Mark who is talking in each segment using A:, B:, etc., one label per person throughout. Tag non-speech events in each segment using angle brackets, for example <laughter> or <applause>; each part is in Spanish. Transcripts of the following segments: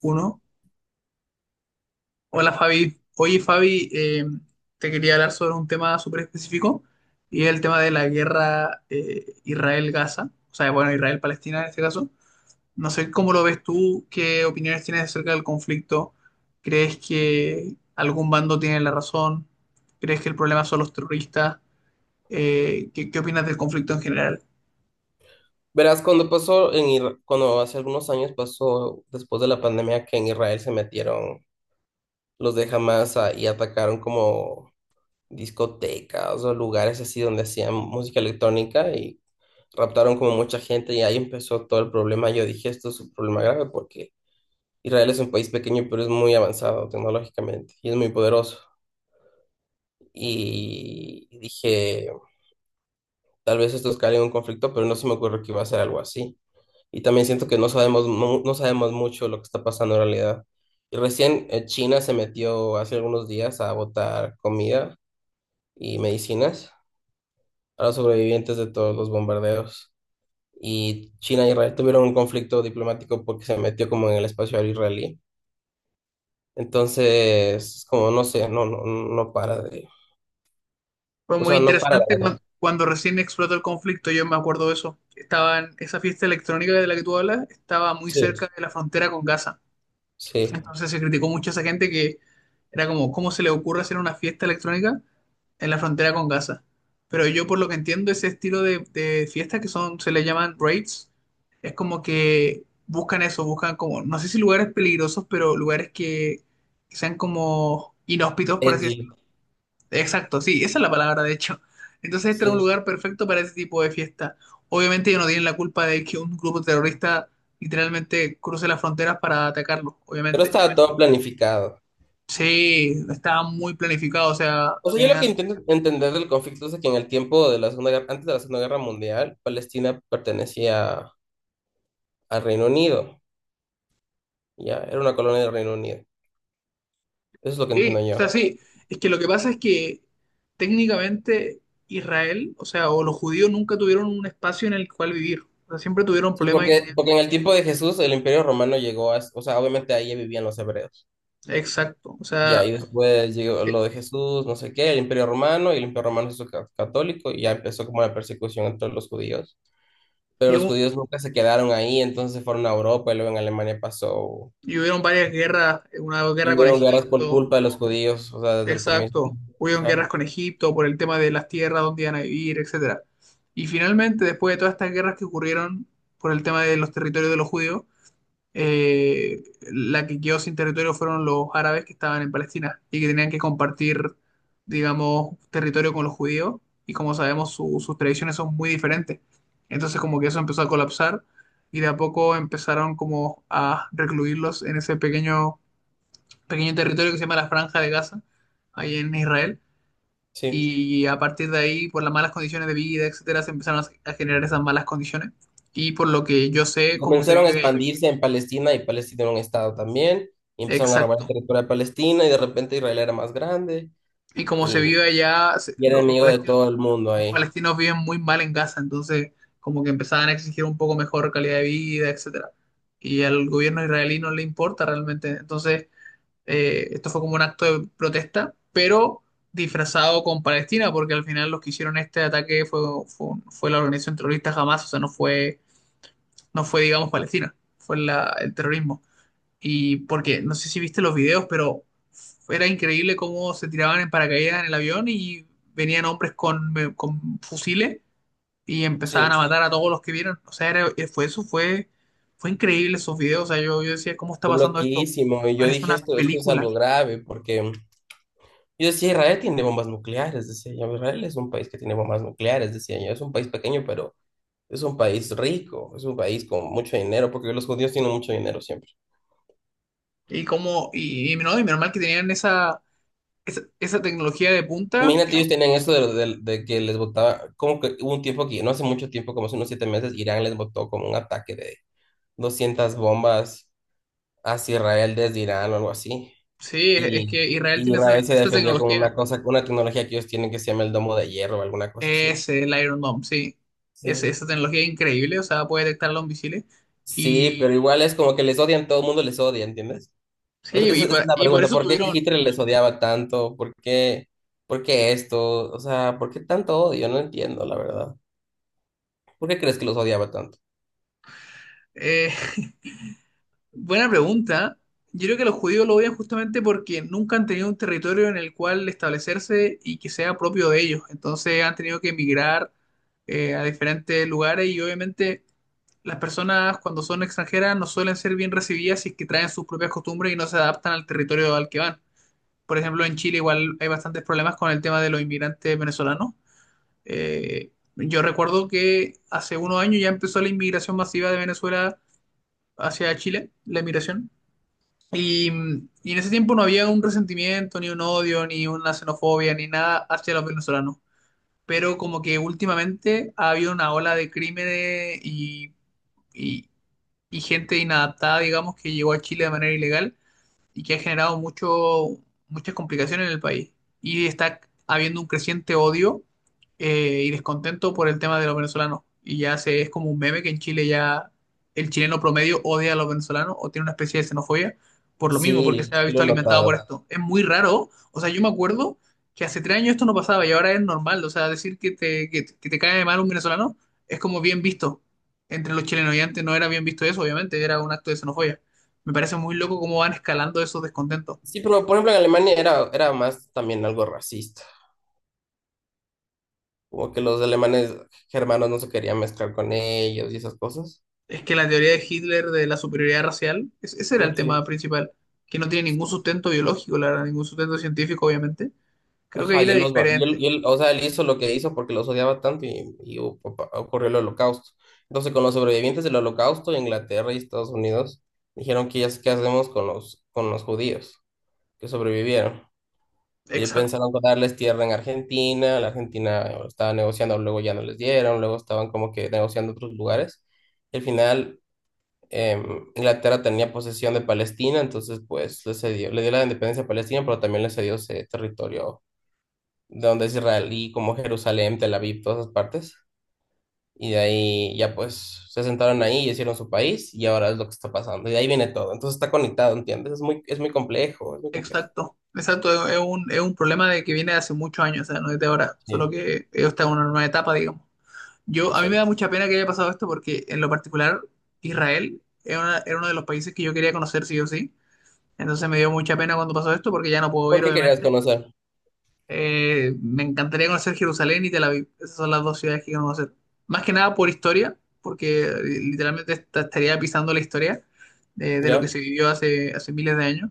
A: Uno. Hola Fabi. Oye Fabi, te quería hablar sobre un tema súper específico y el tema de la guerra, Israel-Gaza, o sea, bueno, Israel-Palestina en este caso. No sé cómo lo ves tú, qué opiniones tienes acerca del conflicto. ¿Crees que algún bando tiene la razón? ¿Crees que el problema son los terroristas? ¿ qué opinas del conflicto en general?
B: Verás, cuando pasó en cuando hace algunos años pasó después de la pandemia que en Israel se metieron los de y atacaron como discotecas o lugares así donde hacían música electrónica y raptaron como mucha gente y ahí empezó todo el problema. Yo dije, esto es un problema grave porque Israel es un país pequeño pero es muy avanzado tecnológicamente y es muy poderoso. Y dije, tal vez esto escale en un conflicto, pero no se me ocurrió que iba a ser algo así. Y también siento que no sabemos, no sabemos mucho lo que está pasando en realidad. Y recién China se metió hace algunos días a botar comida y medicinas a los sobrevivientes de todos los bombardeos. Y China y Israel tuvieron un conflicto diplomático porque se metió como en el espacio aéreo israelí. Entonces, como no sé, no para de...
A: Fue
B: O
A: muy
B: sea, no para
A: interesante
B: de...
A: cuando recién explotó el conflicto. Yo me acuerdo de eso. Estaba en esa fiesta electrónica de la que tú hablas, estaba muy
B: Sí,
A: cerca de la frontera con Gaza.
B: sí.
A: Entonces se criticó mucho a esa gente que era como: ¿cómo se le ocurre hacer una fiesta electrónica en la frontera con Gaza? Pero yo, por lo que entiendo, ese estilo de fiestas se le llaman raids, es como que buscan eso, buscan como, no sé, si lugares peligrosos, pero lugares que sean como inhóspitos, por así
B: Edgy,
A: decirlo. Exacto, sí, esa es la palabra, de hecho. Entonces, este era un
B: sí.
A: lugar perfecto para ese tipo de fiesta. Obviamente, ellos no tienen la culpa de que un grupo terrorista literalmente cruce las fronteras para atacarlos,
B: Pero
A: obviamente.
B: estaba todo planificado.
A: Sí, estaba muy planificado, o sea,
B: O sea, yo lo
A: tenían...
B: que intento entender del conflicto es de que en el tiempo de la Segunda Guerra, antes de la Segunda Guerra Mundial, Palestina pertenecía al Reino Unido, ya, era una colonia del Reino Unido. Eso es lo que
A: Sí,
B: entiendo
A: o
B: yo.
A: sea, sí, es que lo que pasa es que técnicamente Israel, o sea, o los judíos nunca tuvieron un espacio en el cual vivir. O sea, siempre tuvieron
B: Sí,
A: problemas y
B: porque,
A: tenían...
B: porque en el tiempo de Jesús el Imperio Romano llegó a, o sea, obviamente ahí ya vivían los hebreos.
A: Exacto, o
B: Ya,
A: sea,
B: y después llegó
A: eh,
B: lo de Jesús, no sé qué, el Imperio Romano, y el Imperio Romano se hizo católico, y ya empezó como la persecución entre los judíos. Pero
A: y,
B: los
A: hu-
B: judíos nunca se quedaron ahí, entonces se fueron a Europa, y luego en Alemania pasó.
A: y hubieron varias guerras, una
B: Y
A: guerra con
B: hubieron guerras por
A: Egipto.
B: culpa de los judíos, o sea, desde el comienzo.
A: Exacto. Hubieron guerras
B: Ajá,
A: con Egipto por el tema de las tierras, dónde iban a vivir, etcétera. Y finalmente, después de todas estas guerras que ocurrieron por el tema de los territorios de los judíos, eh, la que quedó sin territorio fueron los árabes que estaban en Palestina y que tenían que compartir, digamos, territorio con los judíos. Y como sabemos, sus tradiciones son muy diferentes. Entonces, como que eso empezó a colapsar y de a poco empezaron como a recluirlos en ese pequeño territorio que se llama la Franja de Gaza, ahí en Israel.
B: sí.
A: Y a partir de ahí, por las malas condiciones de vida, etcétera, se empezaron a generar esas malas condiciones. Y por lo que yo sé, cómo se
B: Comenzaron a
A: vive,
B: expandirse en Palestina y Palestina era un estado también. Y empezaron a robar el
A: exacto.
B: territorio de Palestina y de repente Israel era más grande
A: Y cómo se
B: y,
A: vive allá,
B: y era enemigo de todo el mundo
A: los
B: ahí.
A: palestinos viven muy mal en Gaza, entonces como que empezaban a exigir un poco mejor calidad de vida, etcétera. Y al gobierno israelí no le importa realmente. Entonces, eh, esto fue como un acto de protesta, pero disfrazado con Palestina, porque al final los que hicieron este ataque fue la organización terrorista Hamas, o sea, no fue, digamos, Palestina, fue el terrorismo. Y porque, no sé si viste los videos, pero era increíble cómo se tiraban en paracaídas en el avión y venían hombres con fusiles y empezaban a
B: Sí,
A: matar a todos los que vieron. O sea, fue eso, fue increíble esos videos. O sea, yo decía: ¿cómo está
B: fue
A: pasando esto?
B: loquísimo. Y yo
A: Parece
B: dije,
A: una
B: esto es
A: película.
B: algo grave porque yo decía, Israel tiene bombas nucleares, decía yo. Israel es un país que tiene bombas nucleares, decía yo. Es un país pequeño, pero es un país rico, es un país con mucho dinero, porque los judíos tienen mucho dinero siempre.
A: Y como, y no, y menos mal que tenían esa, tecnología de punta. Que
B: Imagínate,
A: no.
B: ellos tenían eso de, de que les botaba, como que hubo un tiempo aquí, no hace mucho tiempo, como hace unos 7 meses, Irán les botó como un ataque de 200 bombas hacia Israel desde Irán o algo así.
A: Sí, es
B: Y,
A: es que Israel
B: y
A: tiene esa,
B: Israel se
A: esa
B: defendió con
A: tecnología.
B: una cosa, con una tecnología que ellos tienen que se llama el domo de hierro o alguna cosa así.
A: Es el Iron Dome, sí. Es
B: Sí.
A: esa tecnología increíble, o sea, puede detectar los misiles.
B: Sí,
A: Y
B: pero igual es como que les odian, todo el mundo les odia, ¿entiendes? O sea,
A: sí,
B: esa
A: y
B: esa es
A: por,
B: la
A: y por
B: pregunta,
A: eso
B: ¿por qué
A: tuvieron.
B: Hitler les odiaba tanto? Por qué esto? O sea, ¿por qué tanto odio? No entiendo, la verdad. ¿Por qué crees que los odiaba tanto?
A: eh, <laughs> buena pregunta. Yo creo que los judíos lo odian justamente porque nunca han tenido un territorio en el cual establecerse y que sea propio de ellos. Entonces han tenido que emigrar, a diferentes lugares, y obviamente las personas, cuando son extranjeras, no suelen ser bien recibidas si es que traen sus propias costumbres y no se adaptan al territorio al que van. Por ejemplo, en Chile igual hay bastantes problemas con el tema de los inmigrantes venezolanos. Yo recuerdo que hace unos años ya empezó la inmigración masiva de Venezuela hacia Chile, la inmigración. Y, y en ese tiempo no había un resentimiento, ni un odio, ni una xenofobia, ni nada hacia los venezolanos. Pero como que últimamente ha habido una ola de crímenes y y, y gente inadaptada, digamos, que llegó a Chile de manera ilegal y que ha generado muchas complicaciones en el país. Y está habiendo un creciente odio y descontento por el tema de los venezolanos. Y ya se, es como un meme que en Chile ya el chileno promedio odia a los venezolanos o tiene una especie de xenofobia por lo mismo, porque
B: Sí,
A: se ha
B: sí lo
A: visto
B: he
A: alimentado por
B: notado.
A: esto. Es muy raro. O sea, yo me acuerdo que hace 3 años esto no pasaba y ahora es normal. O sea, decir que que te cae mal un venezolano es como bien visto entre los chilenos, y antes no era bien visto eso, obviamente, era un acto de xenofobia. Me parece muy loco cómo van escalando esos descontentos.
B: Sí, pero por ejemplo en Alemania era más también algo racista, como que los alemanes germanos no se querían mezclar con ellos y esas cosas.
A: Es que la teoría de Hitler de la superioridad racial, ese era el
B: Mm,
A: tema
B: sí.
A: principal, que no tiene ningún sustento biológico, la verdad, ningún sustento científico, obviamente. Creo que
B: Ajá,
A: ahí
B: y
A: era
B: él, los va-
A: diferente.
B: y él- o sea, él hizo lo que hizo porque los odiaba tanto y, ocurrió el holocausto. Entonces, con los sobrevivientes del holocausto, Inglaterra y Estados Unidos dijeron que ya, ¿qué hacemos con los judíos que sobrevivieron? Y
A: Exacto,
B: pensaron darles tierra en Argentina, la Argentina estaba negociando, luego ya no les dieron, luego estaban como que negociando otros lugares. Y al final Inglaterra tenía posesión de Palestina, entonces pues le cedió, le dio la independencia a Palestina, pero también le cedió ese territorio de donde es Israel y como Jerusalén, Tel Aviv, todas esas partes. Y de ahí ya pues se sentaron ahí y hicieron su país y ahora es lo que está pasando. Y de ahí viene todo. Entonces está conectado, ¿entiendes? Es muy complejo, es muy complejo.
A: exacto. Exacto, es un problema de que viene de hace muchos años, o sea, no es de ahora, solo
B: Sí,
A: que está en una nueva etapa, digamos. Yo, a mí me da
B: exacto.
A: mucha pena que haya pasado esto, porque en lo particular Israel era uno de los países que yo quería conocer sí o sí. Entonces me dio mucha pena cuando pasó esto, porque ya no puedo
B: ¿Por
A: ir,
B: qué querías
A: obviamente.
B: conocer?
A: Me encantaría conocer Jerusalén y Tel Aviv. Esas son las dos ciudades que quiero conocer. Más que nada por historia, porque, literalmente estaría pisando la historia de lo que
B: ¿Ya?
A: se vivió hace, miles de años.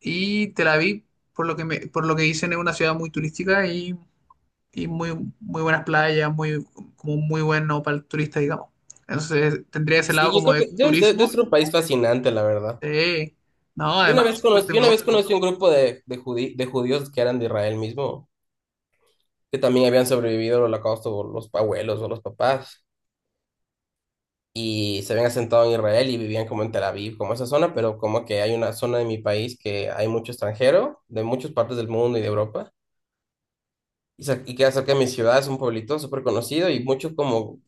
A: Y Tel Aviv, por lo que dicen, es una ciudad muy turística y muy, muy buenas playas, muy, como un muy bueno para el turista, digamos. Entonces tendría ese lado
B: Sí, yo
A: como
B: creo
A: de
B: que debe, debe
A: turismo.
B: ser un país fascinante, la verdad.
A: Sí, no, además que es súper
B: Yo una vez
A: tecnológico.
B: conocí un grupo de, de judíos que eran de Israel mismo, que también habían sobrevivido al holocausto por los abuelos o los papás, y se habían asentado en Israel y vivían como en Tel Aviv, como esa zona, pero como que hay una zona de mi país que hay mucho extranjero, de muchas partes del mundo y de Europa. Y, y queda cerca de mi ciudad, es un pueblito súper conocido y muchos como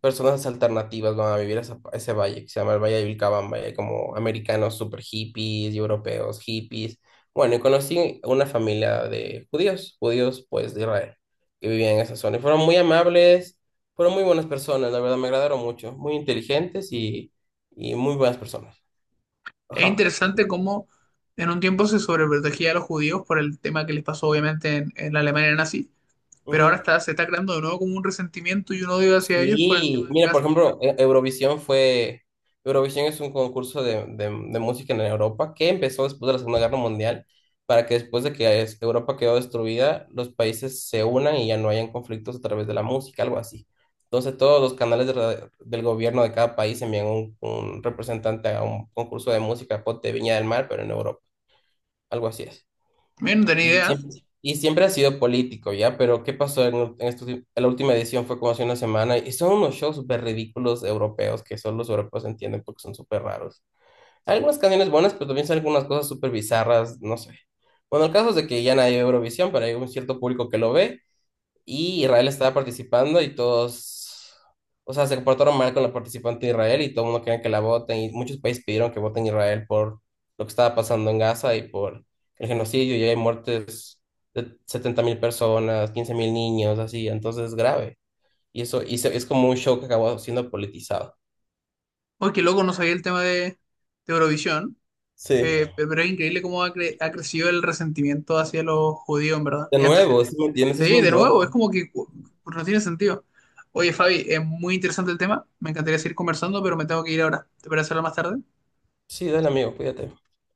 B: personas alternativas van a vivir a, a ese valle que se llama el Valle de Vilcabamba. Y hay como americanos súper hippies y europeos hippies. Bueno, y conocí una familia de judíos, judíos pues de Israel, que vivían en esa zona. Y fueron muy amables, fueron muy buenas personas, la verdad me agradaron mucho, muy inteligentes y muy buenas personas.
A: Es
B: Ajá.
A: interesante cómo en un tiempo se sobreprotegía a los judíos por el tema que les pasó obviamente en la Alemania nazi, pero ahora
B: Ujú.
A: está, se está creando de nuevo como un resentimiento y un odio hacia ellos por el
B: Sí,
A: tema de
B: mira, por
A: Gaza.
B: ejemplo, Eurovisión fue, Eurovisión es un concurso de, de música en Europa que empezó después de la Segunda Guerra Mundial para que después de que Europa quedó destruida, los países se unan y ya no hayan conflictos a través de la música, algo así. Entonces todos los canales de del gobierno de cada país envían un representante a un concurso de música, ponte Viña del Mar, pero en Europa, algo así es.
A: Bien, no tenía
B: Y
A: idea.
B: siempre, y siempre ha sido político, ¿ya? Pero ¿qué pasó en estos en la última edición? Fue como hace una semana y son unos shows súper ridículos europeos que solo los europeos entienden porque son súper raros. Hay algunas canciones buenas, pero también salen algunas cosas súper bizarras, no sé. Bueno, el caso es de que ya nadie ve Eurovisión, pero hay un cierto público que lo ve y Israel estaba participando y todos, o sea, se comportaron mal con la participante de Israel y todo el mundo quería que la voten y muchos países pidieron que voten Israel por lo que estaba pasando en Gaza y por el genocidio y hay muertes de 70.000 personas, 15.000 niños, así, entonces es grave. Y eso y es como un show que acabó siendo politizado.
A: Oye, qué loco, no sabía el tema de, Eurovisión,
B: Sí.
A: pero es increíble cómo ha crecido el resentimiento hacia los judíos, en verdad.
B: De
A: Y antes,
B: nuevo, ¿si me entiendes? Es
A: sí,
B: muy
A: de
B: loco.
A: nuevo, es como que no tiene sentido. Oye, Fabi, es muy interesante el tema, me encantaría seguir conversando, pero me tengo que ir ahora. ¿Te parece hablar más tarde?
B: Sí, dale amigo, cuídate.